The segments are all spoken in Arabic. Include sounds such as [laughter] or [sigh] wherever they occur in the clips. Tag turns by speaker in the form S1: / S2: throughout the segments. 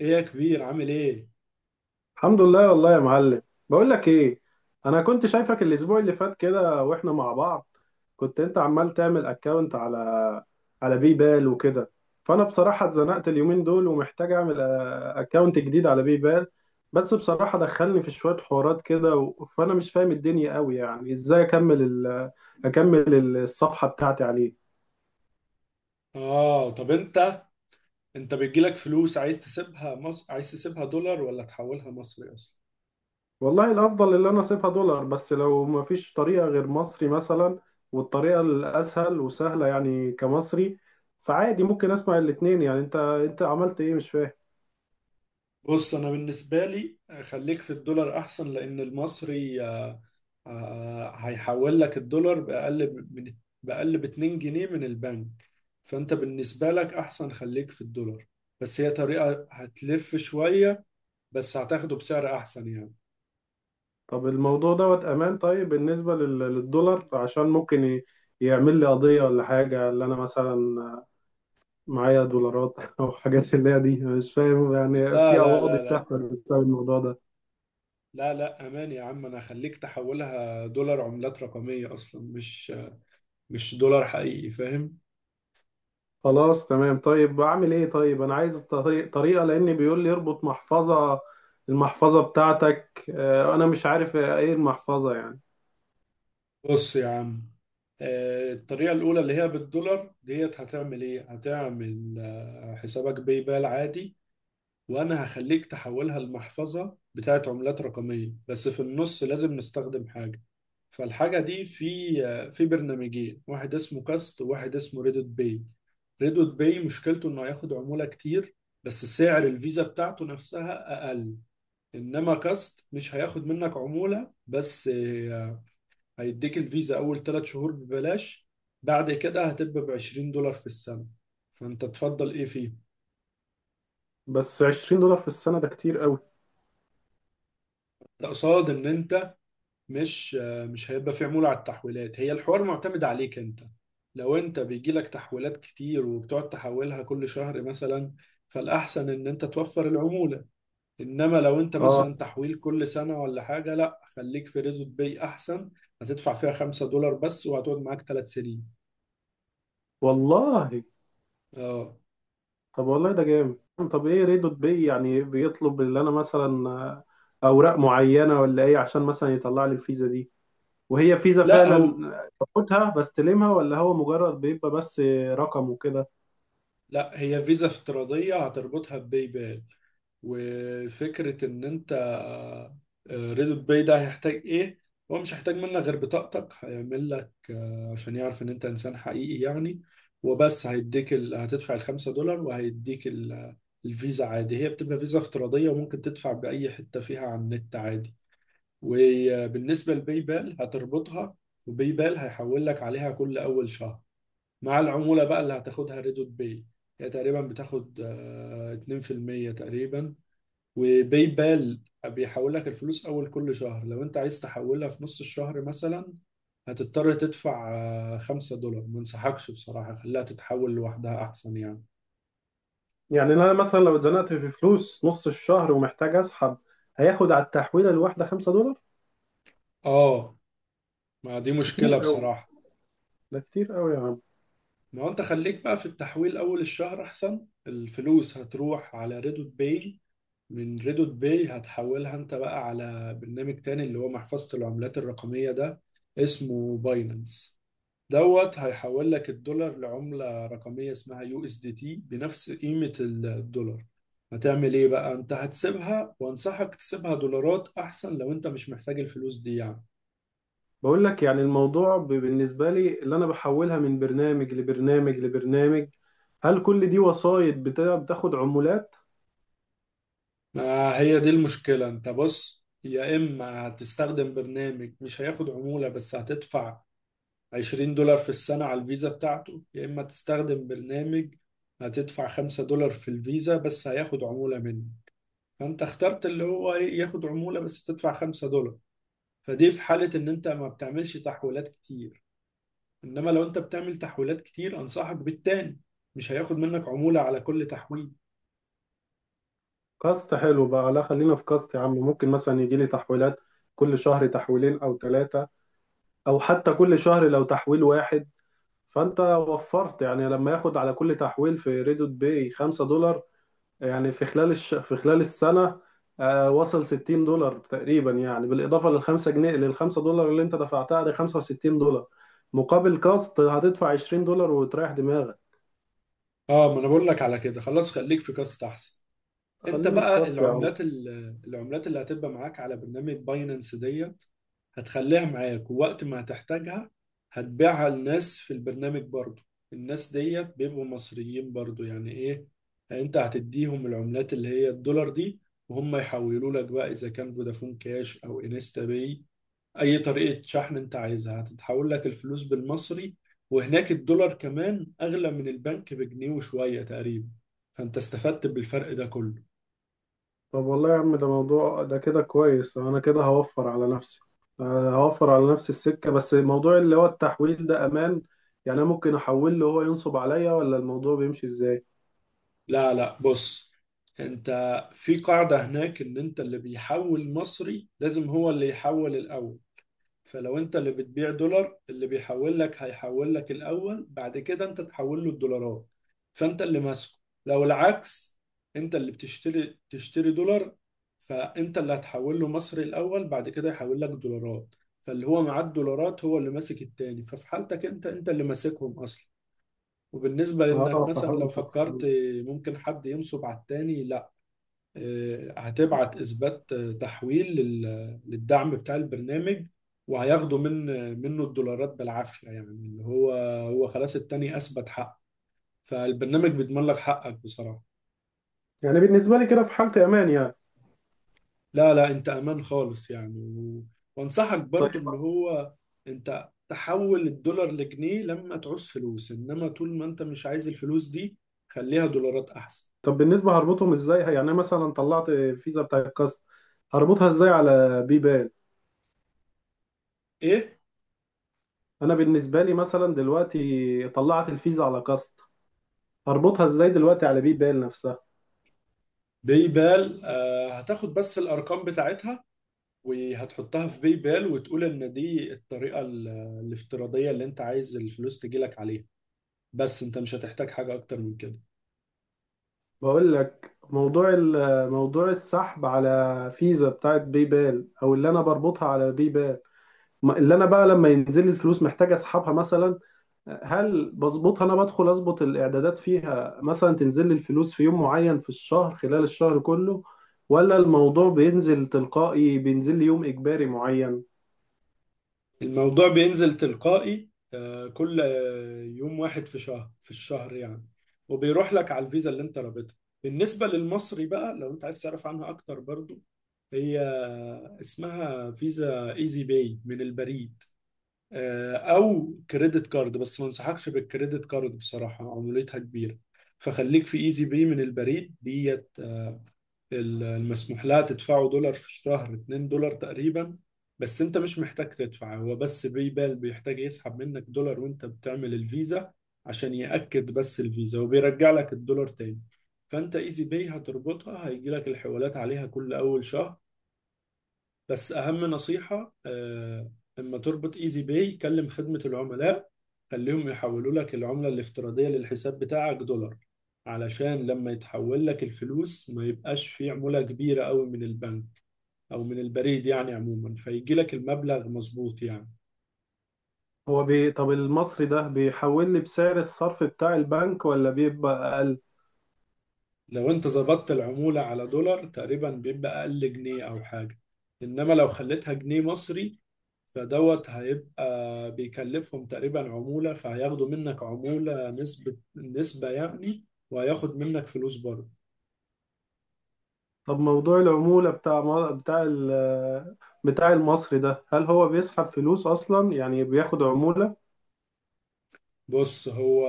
S1: ايه يا كبير، عامل ايه؟
S2: الحمد لله والله يا معلم. بقول لك ايه، انا كنت شايفك الاسبوع اللي فات كده واحنا مع بعض. كنت انت عمال تعمل اكاونت على بيبال وكده. فانا بصراحة اتزنقت اليومين دول ومحتاج اعمل اكاونت جديد على بيبال. بس بصراحة دخلني في شوية حوارات كده فانا مش فاهم الدنيا قوي يعني ازاي اكمل ال... آه، اكمل الصفحة بتاعتي عليه.
S1: اه، طب انت بيجيلك فلوس، عايز تسيبها مصر، عايز تسيبها دولار، ولا تحولها مصري اصلا؟
S2: والله الافضل اللي انا اسيبها دولار، بس لو ما فيش طريقه غير مصري مثلا. والطريقه الاسهل وسهله يعني كمصري. فعادي ممكن اسمع الاتنين، يعني انت عملت ايه مش فاهم.
S1: بص انا بالنسبه لي خليك في الدولار احسن، لان المصري هيحول لك الدولار باقل ب- 2 جنيه من البنك. فانت بالنسبه لك احسن خليك في الدولار، بس هي طريقه هتلف شويه، بس هتاخده بسعر احسن يعني.
S2: طب الموضوع دوت امان؟ طيب بالنسبه للدولار عشان ممكن يعمل لي قضيه ولا حاجه؟ اللي انا مثلا معايا دولارات [laughs] او حاجات اللي هي دي، أنا مش فاهم يعني
S1: لا
S2: في
S1: لا
S2: قواضي
S1: لا،
S2: بتحصل بسبب الموضوع ده.
S1: لا لا، امان يا عم، انا هخليك تحولها دولار عملات رقمية، اصلا مش دولار حقيقي، فاهم؟
S2: خلاص تمام، طيب اعمل ايه؟ طيب انا عايز طريقة لان بيقول لي اربط المحفظة بتاعتك، انا مش عارف ايه المحفظة يعني.
S1: بص يا عم، الطريقة الأولى اللي هي بالدولار ديت هتعمل إيه؟ هتعمل حسابك باي بال عادي، وانا هخليك تحولها لمحفظة بتاعت عملات رقمية، بس في النص لازم نستخدم حاجة. فالحاجة دي في برنامجين، واحد اسمه كاست وواحد اسمه ريدوت باي. ريدوت باي مشكلته انه هياخد عمولة كتير، بس سعر الفيزا بتاعته نفسها اقل. انما كاست مش هياخد منك عمولة، بس هيديك الفيزا اول ثلاث شهور ببلاش، بعد كده هتبقى ب 20 دولار في السنة. فانت تفضل ايه فيه؟
S2: بس $20 في السنة ده كتير قوي.
S1: ده قصاد ان انت مش، هيبقى في عمولة على التحويلات. هي الحوار معتمد عليك انت، لو انت بيجيلك تحويلات كتير وبتقعد تحولها كل شهر مثلا، فالأحسن ان انت توفر العمولة. انما لو انت
S2: اه
S1: مثلا تحويل كل سنة ولا حاجة، لا خليك في ريزوت باي احسن، هتدفع فيها خمسة دولار بس وهتقعد معاك ثلاث سنين.
S2: والله.
S1: اه.
S2: طب والله ده جامد. طب ايه ريدوت بي يعني؟ بيطلب اللي انا مثلا اوراق معينة ولا ايه عشان مثلا يطلع لي الفيزا دي، وهي فيزا
S1: لا
S2: فعلا
S1: هو
S2: باخدها بستلمها، ولا هو مجرد بيبقى بس رقم وكده؟
S1: لا، هي فيزا افتراضية هتربطها بباي بال. وفكرة إن أنت، ريدوت باي ده هيحتاج إيه؟ هو مش هيحتاج منك غير بطاقتك، هيعمل لك عشان يعرف إن أنت إنسان حقيقي يعني، وبس. هتدفع الخمسة دولار وهيديك الفيزا عادي. هي بتبقى فيزا افتراضية، وممكن تدفع بأي حتة فيها على النت عادي. وبالنسبة لباي بال هتربطها، وباي بال هيحول لك عليها كل أول شهر. مع العمولة بقى اللي هتاخدها ريدوت باي، هي تقريبا بتاخد 2% تقريبا. وباي بال بيحول لك الفلوس اول كل شهر، لو انت عايز تحولها في نص الشهر مثلا هتضطر تدفع خمسة دولار. ما انصحكش بصراحة، خليها تتحول لوحدها احسن يعني.
S2: يعني انا مثلا لو اتزنقت في فلوس نص الشهر ومحتاج اسحب، هياخد على التحويله الواحده $5؟
S1: اه، ما دي
S2: كتير
S1: مشكلة
S2: قوي،
S1: بصراحة.
S2: ده كتير قوي يا عم.
S1: ما هو انت خليك بقى في التحويل اول الشهر احسن. الفلوس هتروح على ريدوت باي، من ريدوت باي هتحولها انت بقى على برنامج تاني اللي هو محفظة العملات الرقمية ده، اسمه باينانس. دوت هيحول لك الدولار لعملة رقمية اسمها يو اس دي تي، بنفس قيمة الدولار. هتعمل ايه بقى انت؟ هتسيبها، وانصحك تسيبها دولارات احسن لو انت مش محتاج الفلوس دي يعني.
S2: بقول لك يعني الموضوع بالنسبه لي اللي انا بحولها من برنامج لبرنامج لبرنامج، هل كل دي وسايط بتاخد عمولات؟
S1: ما هي دي المشكلة. انت بص، يا اما هتستخدم برنامج مش هياخد عمولة بس هتدفع 20 دولار في السنة على الفيزا بتاعته، يا اما تستخدم برنامج هتدفع 5 دولار في الفيزا بس هياخد عمولة منه. فانت اخترت اللي هو إيه، ياخد عمولة بس تدفع 5 دولار. فدي في حالة إن أنت ما بتعملش تحويلات كتير، إنما لو أنت بتعمل تحويلات كتير أنصحك بالتاني، مش هياخد منك عمولة على كل تحويل.
S2: كاست حلو بقى. لا خلينا في كاست يا عم، ممكن مثلا يجي لي تحويلات كل شهر تحويلين او ثلاثه، او حتى كل شهر لو تحويل واحد، فانت وفرت. يعني لما ياخد على كل تحويل في ريدوت باي $5، يعني في خلال في خلال السنة وصل $60 تقريبا، يعني بالإضافة للخمسة دولار اللي أنت دفعتها دي $65، مقابل كاست هتدفع $20 وتريح دماغك.
S1: آه، ما أنا بقول لك على كده، خلاص خليك في كاست أحسن. انت
S2: خليني في
S1: بقى
S2: كاست يا عم.
S1: العملات العملات اللي هتبقى معاك على برنامج باينانس ديت هتخليها معاك، ووقت ما هتحتاجها هتبيعها لناس في البرنامج برضو. الناس ديت بيبقوا مصريين برضو، يعني ايه، انت هتديهم العملات اللي هي الدولار دي وهم يحولوا لك بقى، اذا كان فودافون كاش او انستا باي، اي طريقة شحن انت عايزها هتتحول لك الفلوس بالمصري. وهناك الدولار كمان اغلى من البنك بجنيه وشوية تقريبا، فانت استفدت بالفرق ده كله.
S2: طب والله يا عم ده موضوع، ده كده كويس، أنا كده هوفر على نفسي، هوفر على نفسي السكة. بس موضوع اللي هو التحويل ده أمان؟ يعني أنا ممكن أحول له هو ينصب عليا ولا الموضوع بيمشي إزاي؟
S1: لا لا، بص انت، في قاعدة هناك ان انت اللي بيحول مصري لازم هو اللي يحول الاول. فلو انت اللي بتبيع دولار، اللي بيحول لك هيحول لك الاول، بعد كده انت تحول له الدولارات، فانت اللي ماسكه. لو العكس، انت اللي تشتري دولار، فانت اللي هتحول له مصري الاول، بعد كده يحول لك دولارات. فاللي هو معاه الدولارات هو اللي ماسك التاني، ففي حالتك انت اللي ماسكهم اصلا. وبالنسبة لإنك
S2: آه
S1: مثلا لو
S2: فهمتك.
S1: فكرت ممكن حد ينصب على التاني، لا، هتبعت إثبات، تحويل للدعم بتاع البرنامج، وهياخدوا منه الدولارات بالعافية يعني. اللي هو، خلاص التاني أثبت حق، فالبرنامج بيضمن لك حقك بصراحة.
S2: يعني بالنسبة لي كده في حالة أمان يعني.
S1: لا لا، أنت أمان خالص يعني، وأنصحك برضو
S2: طيب.
S1: اللي هو أنت تحول الدولار لجنيه لما تعوز فلوس، إنما طول ما أنت مش عايز الفلوس دي خليها دولارات أحسن.
S2: طب بالنسبة هربطهم ازاي؟ يعني انا مثلا طلعت فيزا بتاع الكاست، هربطها ازاي على بيبال؟
S1: إيه؟
S2: انا بالنسبة لي مثلا دلوقتي طلعت الفيزا على كاست، هربطها ازاي دلوقتي على بيبال نفسها؟
S1: باي بال هتاخد بس الارقام بتاعتها وهتحطها في باي بال، وتقول ان دي الطريقه الافتراضيه اللي انت عايز الفلوس تجيلك عليها. بس انت مش هتحتاج حاجه اكتر من كده.
S2: بقول لك موضوع موضوع السحب على فيزا بتاعت بيبال او اللي انا بربطها على بيبال، اللي انا بقى لما ينزل لي الفلوس محتاج اسحبها مثلا، هل بظبطها انا بدخل اظبط الاعدادات فيها مثلا تنزل لي الفلوس في يوم معين في الشهر خلال الشهر كله؟ ولا الموضوع بينزل تلقائي بينزل لي يوم اجباري معين؟
S1: الموضوع بينزل تلقائي، كل يوم واحد في الشهر يعني، وبيروح لك على الفيزا اللي انت رابطها. بالنسبه للمصري بقى، لو انت عايز تعرف عنها اكتر برضو، هي اسمها فيزا ايزي باي من البريد، او كريدت كارد، بس ما انصحكش بالكريدت كارد بصراحه، عمولتها كبيره. فخليك في ايزي باي من البريد ديت. المسموح لها تدفعه دولار في الشهر 2 دولار تقريبا. بس انت مش محتاج تدفع، هو بس باي بال بيحتاج يسحب منك دولار وانت بتعمل الفيزا عشان يأكد بس الفيزا، وبيرجع لك الدولار تاني. فانت ايزي باي هتربطها، هيجي لك الحوالات عليها كل اول شهر. بس اهم نصيحة، اما تربط ايزي باي كلم خدمة العملاء، خليهم يحولوا لك العملة الافتراضية للحساب بتاعك دولار، علشان لما يتحول لك الفلوس ما يبقاش في عمولة كبيرة قوي من البنك او من البريد يعني، عموما فيجي لك المبلغ مظبوط يعني.
S2: طب المصري ده بيحول لي بسعر الصرف بتاع البنك ولا بيبقى اقل؟
S1: لو انت ظبطت العمولة على دولار تقريبا بيبقى اقل جنيه او حاجة، انما لو خليتها جنيه مصري، فدوت هيبقى بيكلفهم تقريبا عمولة، فهياخدوا منك عمولة، نسبة نسبة يعني، وهياخد منك فلوس برضه.
S2: طب موضوع العمولة بتاع بتاع المصري ده، هل هو بيسحب فلوس اصلا يعني بياخد عمولة؟
S1: بص، هو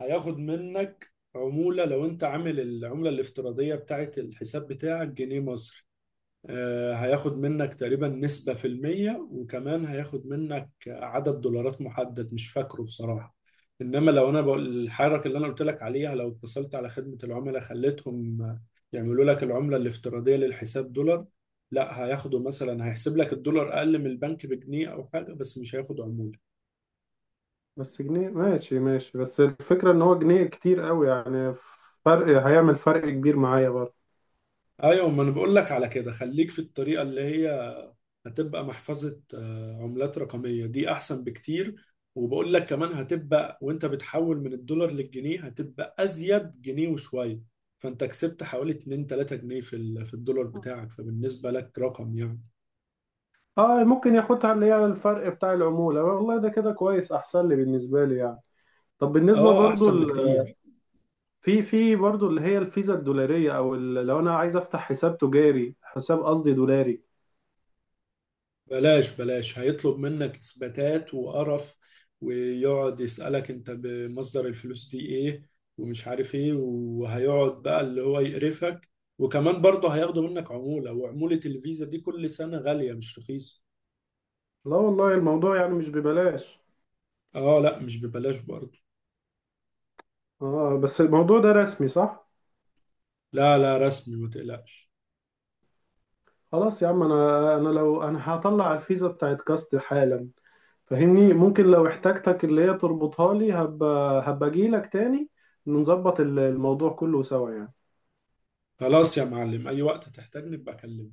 S1: هياخد منك عمولة لو انت عامل العملة الافتراضية بتاعت الحساب بتاعك جنيه مصري، هياخد منك تقريبا نسبة في المية، وكمان هياخد منك عدد دولارات محدد مش فاكره بصراحة. إنما لو أنا بقول الحركة اللي أنا قلت لك عليها، لو اتصلت على خدمة العملاء خليتهم يعملوا لك العملة الافتراضية للحساب دولار، لا هياخدوا مثلا، هيحسب لك الدولار أقل من البنك بجنيه أو حاجة، بس مش هياخد عمولة.
S2: بس جنيه ماشي ماشي، بس الفكرة ان هو جنيه كتير قوي يعني، فرق هيعمل فرق كبير معايا برضه.
S1: أيوة، ما أنا بقول لك على كده، خليك في الطريقة اللي هي هتبقى محفظة عملات رقمية دي، أحسن بكتير. وبقول لك كمان هتبقى وأنت بتحول من الدولار للجنيه هتبقى أزيد جنيه وشوية، فأنت كسبت حوالي 2 3 جنيه في الدولار بتاعك، فبالنسبة لك رقم يعني.
S2: اه ممكن ياخدها اللي هي الفرق بتاع العمولة، والله ده كده كويس احسن لي بالنسبة لي يعني. طب بالنسبة
S1: آه
S2: برضو
S1: أحسن بكتير.
S2: في برضو اللي هي الفيزا الدولارية او لو انا عايز افتح حساب تجاري، حساب قصدي دولاري.
S1: بلاش بلاش، هيطلب منك اثباتات وقرف، ويقعد يسألك انت بمصدر الفلوس دي ايه، ومش عارف ايه، وهيقعد بقى اللي هو يقرفك، وكمان برضه هياخدوا منك عمولة، وعمولة الفيزا دي كل سنة غالية مش رخيصة.
S2: لا والله الموضوع يعني مش ببلاش.
S1: اه لا، مش ببلاش برضه.
S2: اه بس الموضوع ده رسمي صح؟
S1: لا لا، رسمي ما تقلقش.
S2: خلاص يا عم، انا لو انا هطلع الفيزا بتاعت كاست حالا فاهمني، ممكن لو احتاجتك اللي هي تربطها لي، هبقى اجيلك تاني نظبط الموضوع كله سوا يعني.
S1: خلاص يا معلم، اي وقت تحتاجني ابقى كلمني.